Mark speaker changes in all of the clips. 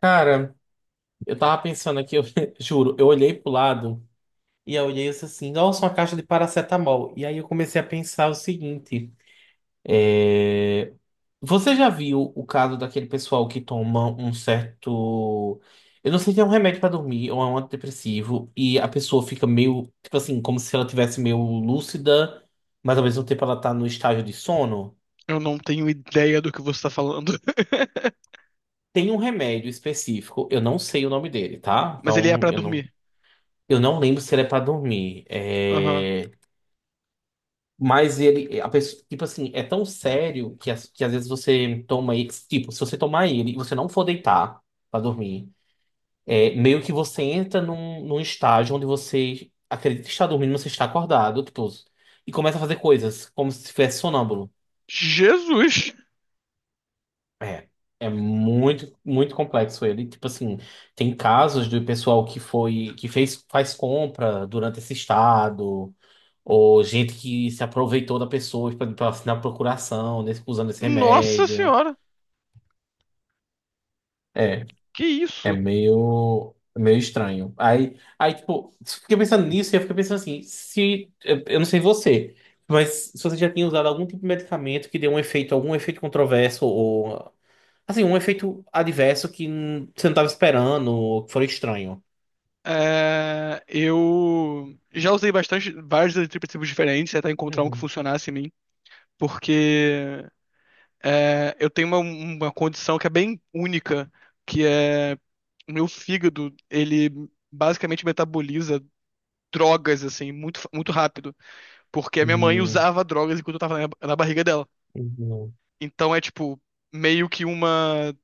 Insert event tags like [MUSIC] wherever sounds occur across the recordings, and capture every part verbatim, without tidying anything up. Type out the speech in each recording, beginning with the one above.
Speaker 1: Cara, eu tava pensando aqui, eu [LAUGHS] juro, eu olhei pro lado e eu olhei isso assim, nossa, uma caixa de paracetamol. E aí eu comecei a pensar o seguinte: é, você já viu o caso daquele pessoal que toma um certo. Eu não sei se é um remédio pra dormir ou é um antidepressivo, e a pessoa fica meio, tipo assim, como se ela tivesse meio lúcida, mas ao mesmo tempo ela tá no estágio de sono?
Speaker 2: Eu não tenho ideia do que você tá falando. [LAUGHS]
Speaker 1: Tem um remédio específico, eu não sei o nome dele, tá?
Speaker 2: Mas ele é
Speaker 1: Então
Speaker 2: pra
Speaker 1: eu não
Speaker 2: dormir.
Speaker 1: Eu não lembro se ele é pra dormir.
Speaker 2: Aham.
Speaker 1: É... Mas ele, a pessoa, tipo assim, é tão sério que, as- que às vezes você toma ele. Tipo, se você tomar ele e você não for deitar pra dormir, é meio que você entra num, num estágio onde você acredita que está dormindo, mas você está acordado, tipo, e começa a fazer coisas como se estivesse sonâmbulo.
Speaker 2: Jesus!
Speaker 1: É, é muito, muito complexo ele. Tipo assim, tem casos do pessoal que foi, que fez, faz compra durante esse estado, ou gente que se aproveitou da pessoa para assinar procuração, nesse- usando esse
Speaker 2: Nossa
Speaker 1: remédio.
Speaker 2: senhora!
Speaker 1: É,
Speaker 2: Que
Speaker 1: é
Speaker 2: isso?
Speaker 1: meio, meio estranho. Aí, aí, tipo, fiquei pensando nisso e eu fiquei pensando assim, se, eu eu não sei você, mas se você já tinha usado algum tipo de medicamento que deu um efeito, algum efeito controverso, ou assim, um efeito adverso que hum, você não estava esperando, ou que foi estranho.
Speaker 2: É, eu já usei bastante vários eletriprotipos diferentes até encontrar um que
Speaker 1: Uhum.
Speaker 2: funcionasse em mim, porque é, eu tenho uma, uma condição que é bem única, que é o meu fígado, ele basicamente metaboliza drogas assim muito, fa- muito rápido, porque a minha mãe
Speaker 1: Hum.
Speaker 2: usava drogas enquanto eu tava na, na barriga dela.
Speaker 1: Uhum.
Speaker 2: Então é tipo meio que uma,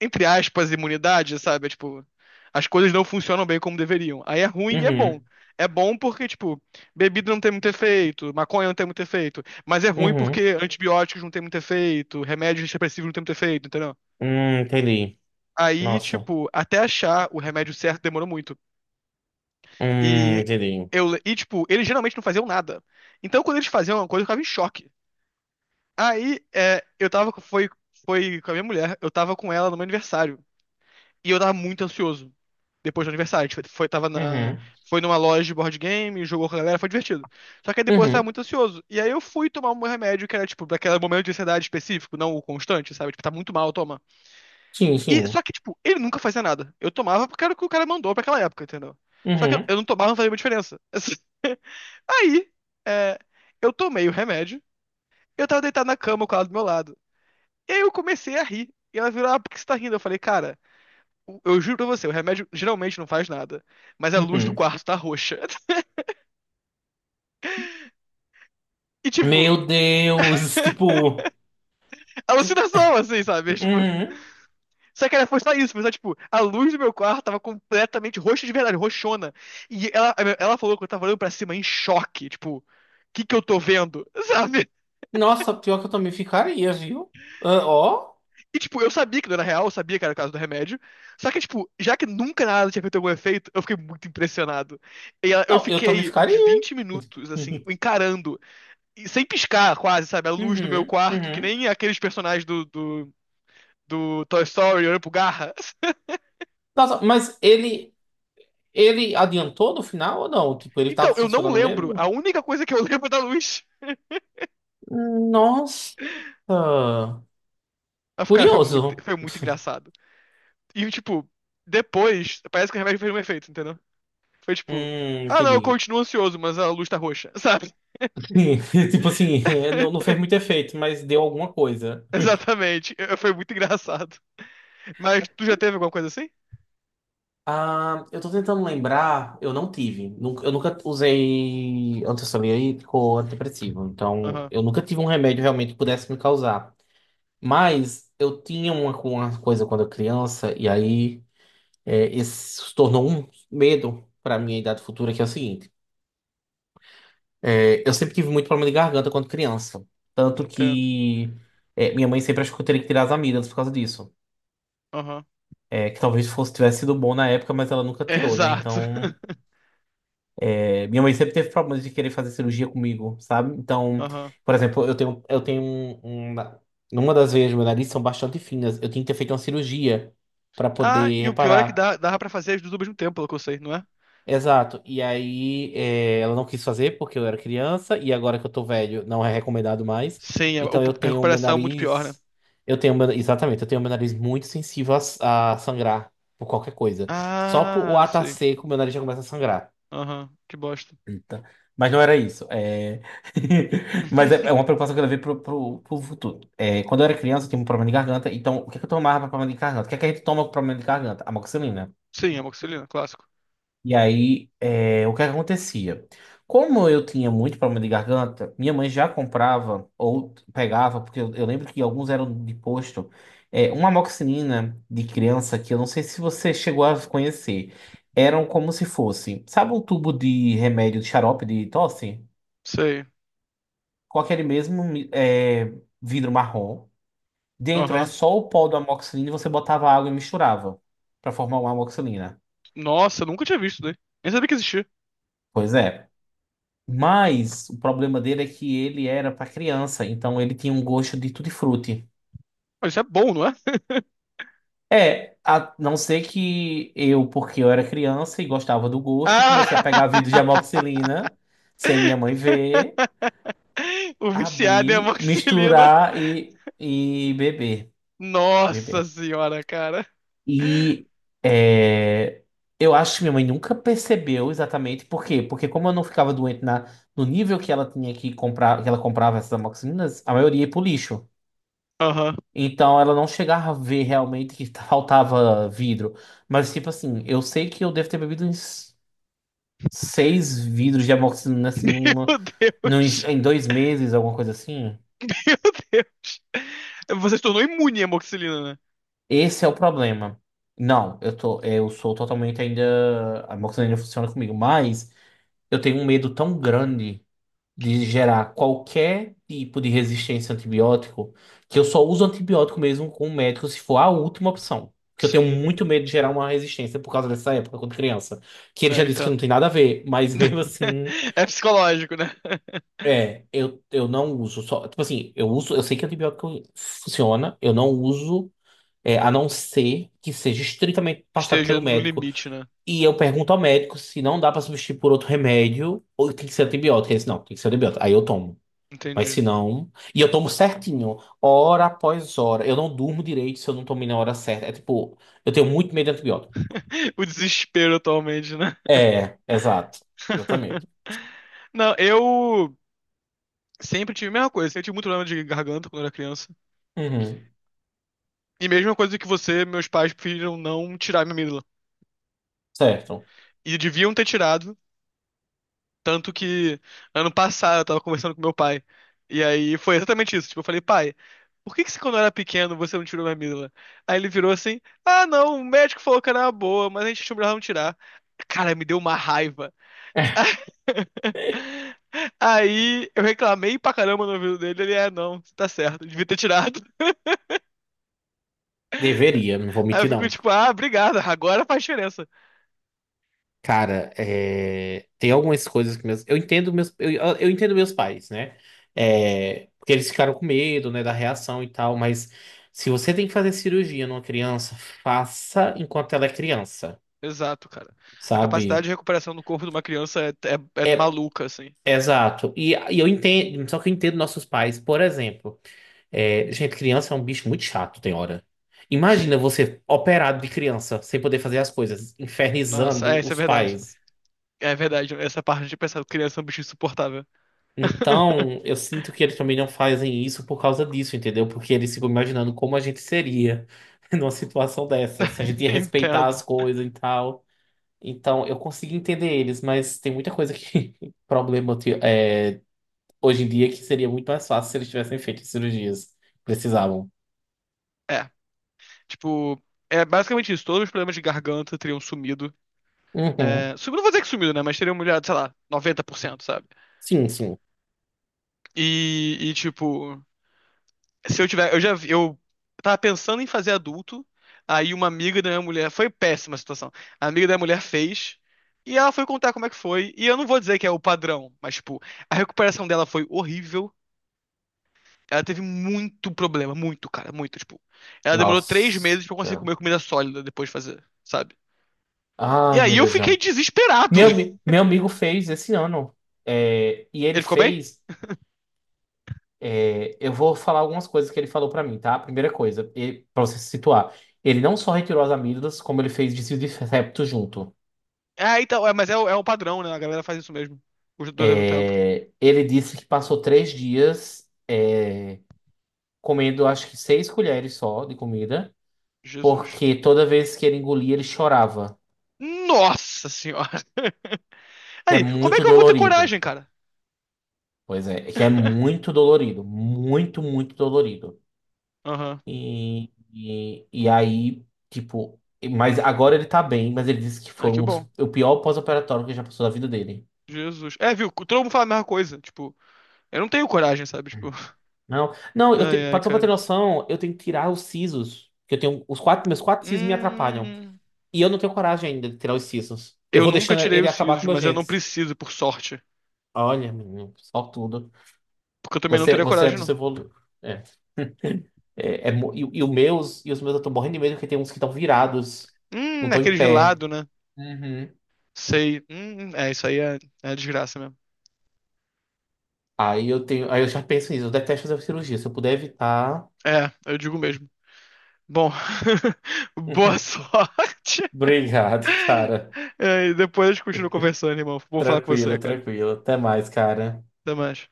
Speaker 2: entre aspas, imunidade, sabe? É, tipo, as coisas não funcionam bem como deveriam. Aí é ruim e é bom.
Speaker 1: Uhum.
Speaker 2: É bom porque, tipo, bebida não tem muito efeito, maconha não tem muito efeito, mas é ruim
Speaker 1: Uhum.
Speaker 2: porque antibióticos não tem muito efeito, remédios depressivos não tem muito efeito, entendeu?
Speaker 1: Hum, entendi.
Speaker 2: Aí,
Speaker 1: Nossa.
Speaker 2: tipo, até achar o remédio certo demorou muito.
Speaker 1: Hum,
Speaker 2: E
Speaker 1: entendi.
Speaker 2: eu, e tipo, eles geralmente não faziam nada. Então, quando eles faziam uma coisa, eu ficava em choque. Aí, é, eu tava, foi, foi com a minha mulher, eu tava com ela no meu aniversário. E eu tava muito ansioso depois do aniversário. A gente foi, foi- tava na,
Speaker 1: Uhum.
Speaker 2: foi numa loja de board game, jogou com a galera, foi divertido. Só que aí depois eu tava
Speaker 1: Uhum.
Speaker 2: muito ansioso. E aí eu fui tomar um remédio que era, tipo, daquele momento de ansiedade específico, não o constante, sabe? Tipo, tá muito mal, toma.
Speaker 1: Sim,
Speaker 2: E, só
Speaker 1: sim.
Speaker 2: que, tipo, ele nunca fazia nada. Eu tomava porque era o que o cara mandou pra aquela época, entendeu? Só que eu,
Speaker 1: Uhum.
Speaker 2: eu não tomava, não fazia muita diferença. [LAUGHS] Aí, é, eu tomei o remédio, eu tava deitado na cama com ela do meu lado. E aí eu comecei a rir. E ela virou, ah, por que você tá rindo? Eu falei, cara, o- Eu juro pra você, o remédio geralmente não faz nada. Mas a luz do
Speaker 1: Uhum.
Speaker 2: quarto tá roxa. [LAUGHS] E, tipo,
Speaker 1: Meu Deus. [LAUGHS] Tipo.
Speaker 2: alucinação, assim, sabe? Tipo,
Speaker 1: Uhum.
Speaker 2: só que era, foi só isso, foi só, tipo, a luz do meu quarto tava completamente roxa de verdade, roxona. E ela, ela falou que eu tava olhando pra cima em choque, tipo, o que que eu tô vendo, [LAUGHS] sabe?
Speaker 1: Nossa, pior que eu também ficaria, viu? Ah, ó.
Speaker 2: E, tipo, eu sabia que não era real, eu sabia que era o caso do remédio. Só que, tipo, já que nunca nada tinha feito algum efeito, eu fiquei muito impressionado. E ela- eu
Speaker 1: Não, eu também
Speaker 2: fiquei uns
Speaker 1: ficaria.
Speaker 2: vinte minutos, assim,
Speaker 1: [LAUGHS]
Speaker 2: encarando e sem piscar quase, sabe? A luz do meu
Speaker 1: Uhum.
Speaker 2: quarto, que
Speaker 1: Uhum.
Speaker 2: nem aqueles personagens do, do, do Toy Story olhando pro Garra. [LAUGHS]
Speaker 1: Nossa, mas ele. Ele adiantou no final ou não? Tipo, ele
Speaker 2: Então,
Speaker 1: tava
Speaker 2: eu não
Speaker 1: funcionando
Speaker 2: lembro.
Speaker 1: mesmo?
Speaker 2: A única coisa que eu [LAUGHS] lembro é da luz.
Speaker 1: Nossa,
Speaker 2: Aí, eu fico, cara, foi muito,
Speaker 1: curioso.
Speaker 2: foi muito engraçado. E, tipo, depois, parece que o remédio fez um efeito, entendeu? Foi
Speaker 1: Hum,
Speaker 2: tipo, ah, não, eu
Speaker 1: entendi.
Speaker 2: continuo ansioso, mas a luz tá roxa, sabe?
Speaker 1: Sim. [LAUGHS] Tipo assim, é, não, não fez muito
Speaker 2: [LAUGHS]
Speaker 1: efeito, mas deu alguma coisa.
Speaker 2: Exatamente. Eu- Foi muito engraçado. Mas tu já teve alguma coisa assim?
Speaker 1: Ah, eu tô tentando lembrar, eu não tive. Nunca- Eu nunca usei antissolírico ou antidepressivo. Então,
Speaker 2: Aham,
Speaker 1: eu nunca tive um remédio realmente que pudesse me causar. Mas eu tinha uma, uma coisa quando eu criança, e aí é, esse se tornou um medo pra minha idade futura, que é o seguinte. É, eu sempre tive muito problema de garganta quando criança. Tanto
Speaker 2: entendo.
Speaker 1: que é, minha mãe sempre achou que eu teria que tirar as amigas por causa disso.
Speaker 2: Aham.
Speaker 1: É, que talvez fosse, tivesse sido bom na época, mas ela nunca tirou, né?
Speaker 2: Exato.
Speaker 1: Então, é, minha mãe sempre teve problemas de querer fazer cirurgia comigo, sabe?
Speaker 2: [LAUGHS]
Speaker 1: Então,
Speaker 2: Aham.
Speaker 1: por exemplo, eu tenho, eu tenho um, um, numa das veias do meu nariz são bastante finas. Eu tinha que ter feito uma cirurgia para
Speaker 2: Ah,
Speaker 1: poder
Speaker 2: e o pior é que
Speaker 1: reparar.
Speaker 2: dá, dava pra fazer as duas ao mesmo tempo, pelo que eu sei, não é?
Speaker 1: Exato. E aí, é, ela não quis fazer porque eu era criança, e agora que eu tô velho, não é recomendado mais.
Speaker 2: Sim, a,
Speaker 1: Então eu
Speaker 2: a
Speaker 1: tenho o meu
Speaker 2: recuperação é muito pior, né?
Speaker 1: nariz. Eu tenho meu, exatamente, eu tenho meu nariz muito sensível a, a sangrar por qualquer coisa. Só por o
Speaker 2: Ah,
Speaker 1: ar tá
Speaker 2: sei.
Speaker 1: seco, meu nariz já começa a sangrar.
Speaker 2: Aham, que bosta.
Speaker 1: Eita. Mas não era isso. É... [LAUGHS] Mas é é uma
Speaker 2: [LAUGHS]
Speaker 1: preocupação que eu levei pro, pro, pro futuro. É, quando eu era criança, eu tinha um problema de garganta. Então, o que, que eu tomava para problema de garganta? O que, que a gente toma com problema de garganta? Amoxicilina.
Speaker 2: Sim, amoxicilina, clássico.
Speaker 1: E aí, é, o que acontecia? Como eu tinha muito problema de garganta, minha mãe já comprava ou pegava, porque eu, eu lembro que alguns eram de posto, é, uma amoxicilina de criança que eu não sei se você chegou a conhecer. Eram como se fosse, sabe um tubo de remédio de xarope de tosse?
Speaker 2: Sei.
Speaker 1: Com aquele mesmo é, vidro marrom. Dentro é
Speaker 2: Aham.
Speaker 1: só o pó do amoxicilina e você botava água e misturava para formar uma amoxicilina.
Speaker 2: Nossa, nunca tinha visto isso daí. Nem sabia que existia.
Speaker 1: Pois é. Mas o problema dele é que ele era para criança, então ele tinha um gosto de tutti-frutti.
Speaker 2: Mas isso é bom, não é? [LAUGHS]
Speaker 1: É, a não ser que eu, porque eu era criança e gostava do gosto, comecei a pegar vidro
Speaker 2: Ah!
Speaker 1: de amoxicilina, sem minha mãe ver,
Speaker 2: [LAUGHS] O viciado em
Speaker 1: abrir,
Speaker 2: amoxicilina.
Speaker 1: misturar e, e beber,
Speaker 2: Nossa
Speaker 1: beber.
Speaker 2: senhora, cara.
Speaker 1: E é, eu acho que minha mãe nunca percebeu exatamente por quê. Porque como eu não ficava doente na, no nível que ela tinha que comprar, que ela comprava essas amoxicilinas, a maioria ia pro lixo.
Speaker 2: Aham.
Speaker 1: Então ela não chegava a ver realmente que [LAUGHS] faltava vidro. Mas, tipo assim, eu sei que eu devo ter bebido uns seis vidros de amoxicilina assim,
Speaker 2: [LAUGHS]
Speaker 1: numa,
Speaker 2: Meu
Speaker 1: num-
Speaker 2: Deus.
Speaker 1: em dois meses, alguma coisa assim.
Speaker 2: Meu Deus. Você se tornou imune à amoxicilina.
Speaker 1: Esse é o problema. Não, eu tô, eu sou totalmente ainda. A amoxicilina funciona comigo, mas eu tenho um medo tão grande. de gerar qualquer tipo de resistência a antibiótico, que eu só uso antibiótico mesmo com o médico se for a última opção. Porque eu tenho
Speaker 2: Sim,
Speaker 1: muito medo de gerar uma resistência por causa dessa época, quando criança. Que ele
Speaker 2: é,
Speaker 1: já
Speaker 2: eu
Speaker 1: disse que não
Speaker 2: entendo.
Speaker 1: tem nada a ver, mas [LAUGHS] mesmo
Speaker 2: [LAUGHS]
Speaker 1: assim,
Speaker 2: É psicológico, né? [LAUGHS]
Speaker 1: é, eu, eu não uso só. Tipo assim, eu uso, eu sei que antibiótico funciona, eu não uso, é, a não ser que seja estritamente passado
Speaker 2: Esteja
Speaker 1: pelo
Speaker 2: no
Speaker 1: médico.
Speaker 2: limite, né?
Speaker 1: E eu pergunto ao médico se não dá pra substituir por outro remédio ou tem que ser antibiótico. Ele disse, não, tem que ser antibiótico. Aí eu tomo. Mas
Speaker 2: Entendi.
Speaker 1: se não. E eu tomo certinho, hora após hora. Eu não durmo direito se eu não tomei na hora certa. É tipo, eu tenho muito medo de antibiótico.
Speaker 2: [LAUGHS] O desespero atualmente, né?
Speaker 1: É, exato. Exatamente.
Speaker 2: [LAUGHS] Não, eu sempre tive a mesma coisa. Sempre tive muito problema de garganta quando era criança.
Speaker 1: Uhum,
Speaker 2: E mesma coisa que você, meus pais preferiram não tirar minha amígdala.
Speaker 1: certo.
Speaker 2: E deviam ter tirado. Tanto que ano passado eu tava conversando com meu pai. E aí foi exatamente isso. Tipo, eu falei, pai, por que que você, quando eu era pequeno você não tirou minha amígdala? Aí ele virou assim: ah, não, o médico falou que era uma boa, mas a gente achou melhor não tirar. Cara, me deu uma raiva.
Speaker 1: [LAUGHS]
Speaker 2: [LAUGHS] Aí eu reclamei pra caramba no ouvido dele. Ele, é, não, tá certo, devia ter tirado.
Speaker 1: Deveria, não vou
Speaker 2: Aí eu
Speaker 1: mentir,
Speaker 2: fico
Speaker 1: não.
Speaker 2: tipo, ah, obrigado, agora faz diferença.
Speaker 1: Cara, é, tem algumas coisas que meus. Eu entendo meus. Eu, eu entendo meus pais, né? É, Porque eles ficaram com medo, né, da reação e tal, mas se você tem que fazer cirurgia numa criança, faça enquanto ela é criança,
Speaker 2: Exato, cara. A capacidade
Speaker 1: sabe?
Speaker 2: de recuperação do corpo de uma criança é, é é
Speaker 1: É,
Speaker 2: maluca, assim.
Speaker 1: exato. E, e eu entendo, só que eu entendo nossos pais, por exemplo. É, gente, criança é um bicho muito chato, tem hora.
Speaker 2: Sim.
Speaker 1: Imagina você operado de criança, sem poder fazer as coisas,
Speaker 2: Nossa, é,
Speaker 1: infernizando
Speaker 2: isso é
Speaker 1: os
Speaker 2: verdade.
Speaker 1: pais.
Speaker 2: É verdade, essa parte de pensar criança é um bicho insuportável. [LAUGHS]
Speaker 1: Então, eu sinto que eles também não fazem isso por causa disso, entendeu? Porque eles ficam imaginando como a gente seria [LAUGHS] numa situação dessa, se a gente ia respeitar as
Speaker 2: Entendo.
Speaker 1: coisas e tal. Então, eu consigo entender eles, mas tem muita coisa que [LAUGHS] problema hoje em dia que seria muito mais fácil se eles tivessem feito as cirurgias que precisavam.
Speaker 2: É, tipo, é basicamente isso. Todos os problemas de garganta teriam sumido.
Speaker 1: Uhum.
Speaker 2: É, sumido, não vou dizer que sumido, né? Mas teriam melhorado, sei lá, noventa por cento, sabe?
Speaker 1: Sim, sim.
Speaker 2: E, e, tipo, se eu tiver. Eu já. vi- Eu tava pensando em fazer adulto. Aí uma amiga da minha mulher. Foi péssima a situação. A amiga da minha mulher fez. E ela foi contar como é que foi. E eu não vou dizer que é o padrão, mas, tipo, a recuperação dela foi horrível. Ela teve muito problema, muito, cara, muito, tipo. Ela demorou três
Speaker 1: Nossa.
Speaker 2: meses pra eu conseguir comer comida sólida depois de fazer, sabe? E
Speaker 1: Ai,
Speaker 2: aí
Speaker 1: meu
Speaker 2: eu
Speaker 1: Deus,
Speaker 2: fiquei
Speaker 1: não.
Speaker 2: desesperado.
Speaker 1: Meu, ami- meu amigo fez esse ano. É, e ele
Speaker 2: Ele ficou bem?
Speaker 1: fez. É, eu vou falar algumas coisas que ele falou pra mim, tá? Primeira coisa, ele, pra você se situar. Ele não só retirou as amígdalas, como ele fez desvio de septo junto.
Speaker 2: Ah, então, é, mas é, o- é um padrão, né? A galera faz isso mesmo. Os dois ao mesmo tempo.
Speaker 1: É, ele disse que passou três dias, é, comendo acho que seis colheres só de comida.
Speaker 2: Jesus.
Speaker 1: porque toda vez que ele engolia, ele chorava.
Speaker 2: Nossa senhora. [LAUGHS]
Speaker 1: Que é
Speaker 2: Aí, como é
Speaker 1: muito
Speaker 2: que eu vou ter
Speaker 1: dolorido.
Speaker 2: coragem, cara?
Speaker 1: Pois é, que é
Speaker 2: [LAUGHS]
Speaker 1: muito dolorido. Muito, muito dolorido.
Speaker 2: Aham.
Speaker 1: E, e, e aí, tipo. Mas agora ele tá bem, mas ele disse que
Speaker 2: Ah,
Speaker 1: foi
Speaker 2: que
Speaker 1: um dos-
Speaker 2: bom.
Speaker 1: o pior pós-operatório que ele já passou da vida dele.
Speaker 2: Jesus. É, viu? Todo mundo fala a mesma coisa. Tipo, eu não tenho coragem, sabe? Tipo, [LAUGHS]
Speaker 1: Não, não, eu te,
Speaker 2: ai, ai,
Speaker 1: pra- só pra ter
Speaker 2: cara.
Speaker 1: noção, eu tenho que tirar os sisos. Que eu tenho. Os quatro, meus quatro sisos me atrapalham.
Speaker 2: Hum,
Speaker 1: E eu não tenho coragem ainda de tirar os sisos. Eu
Speaker 2: eu
Speaker 1: vou
Speaker 2: nunca
Speaker 1: deixando
Speaker 2: tirei
Speaker 1: ele
Speaker 2: os
Speaker 1: acabar
Speaker 2: sisos,
Speaker 1: com meus
Speaker 2: mas eu não
Speaker 1: dentes.
Speaker 2: preciso, por sorte.
Speaker 1: Olha, menino, só tudo.
Speaker 2: Porque eu também não
Speaker 1: Você,
Speaker 2: teria
Speaker 1: você é
Speaker 2: coragem,
Speaker 1: dos
Speaker 2: não.
Speaker 1: evoluídos. É, é mo- e, e os meus, e os meus eu tô morrendo de medo porque tem uns que estão virados, não
Speaker 2: Hum,
Speaker 1: estão em
Speaker 2: aquele
Speaker 1: pé.
Speaker 2: gelado, né?
Speaker 1: Uhum.
Speaker 2: Sei. Hum, é, isso aí é, é desgraça mesmo.
Speaker 1: Aí eu tenho, aí eu já penso nisso, eu detesto fazer cirurgia. se eu puder evitar.
Speaker 2: É, eu digo mesmo. Bom, [LAUGHS] boa
Speaker 1: [LAUGHS]
Speaker 2: sorte.
Speaker 1: Obrigado, cara.
Speaker 2: É, e depois a gente continua conversando, irmão. Vou falar com
Speaker 1: Tranquilo,
Speaker 2: você, cara.
Speaker 1: tranquilo. Até mais, cara.
Speaker 2: Até mais.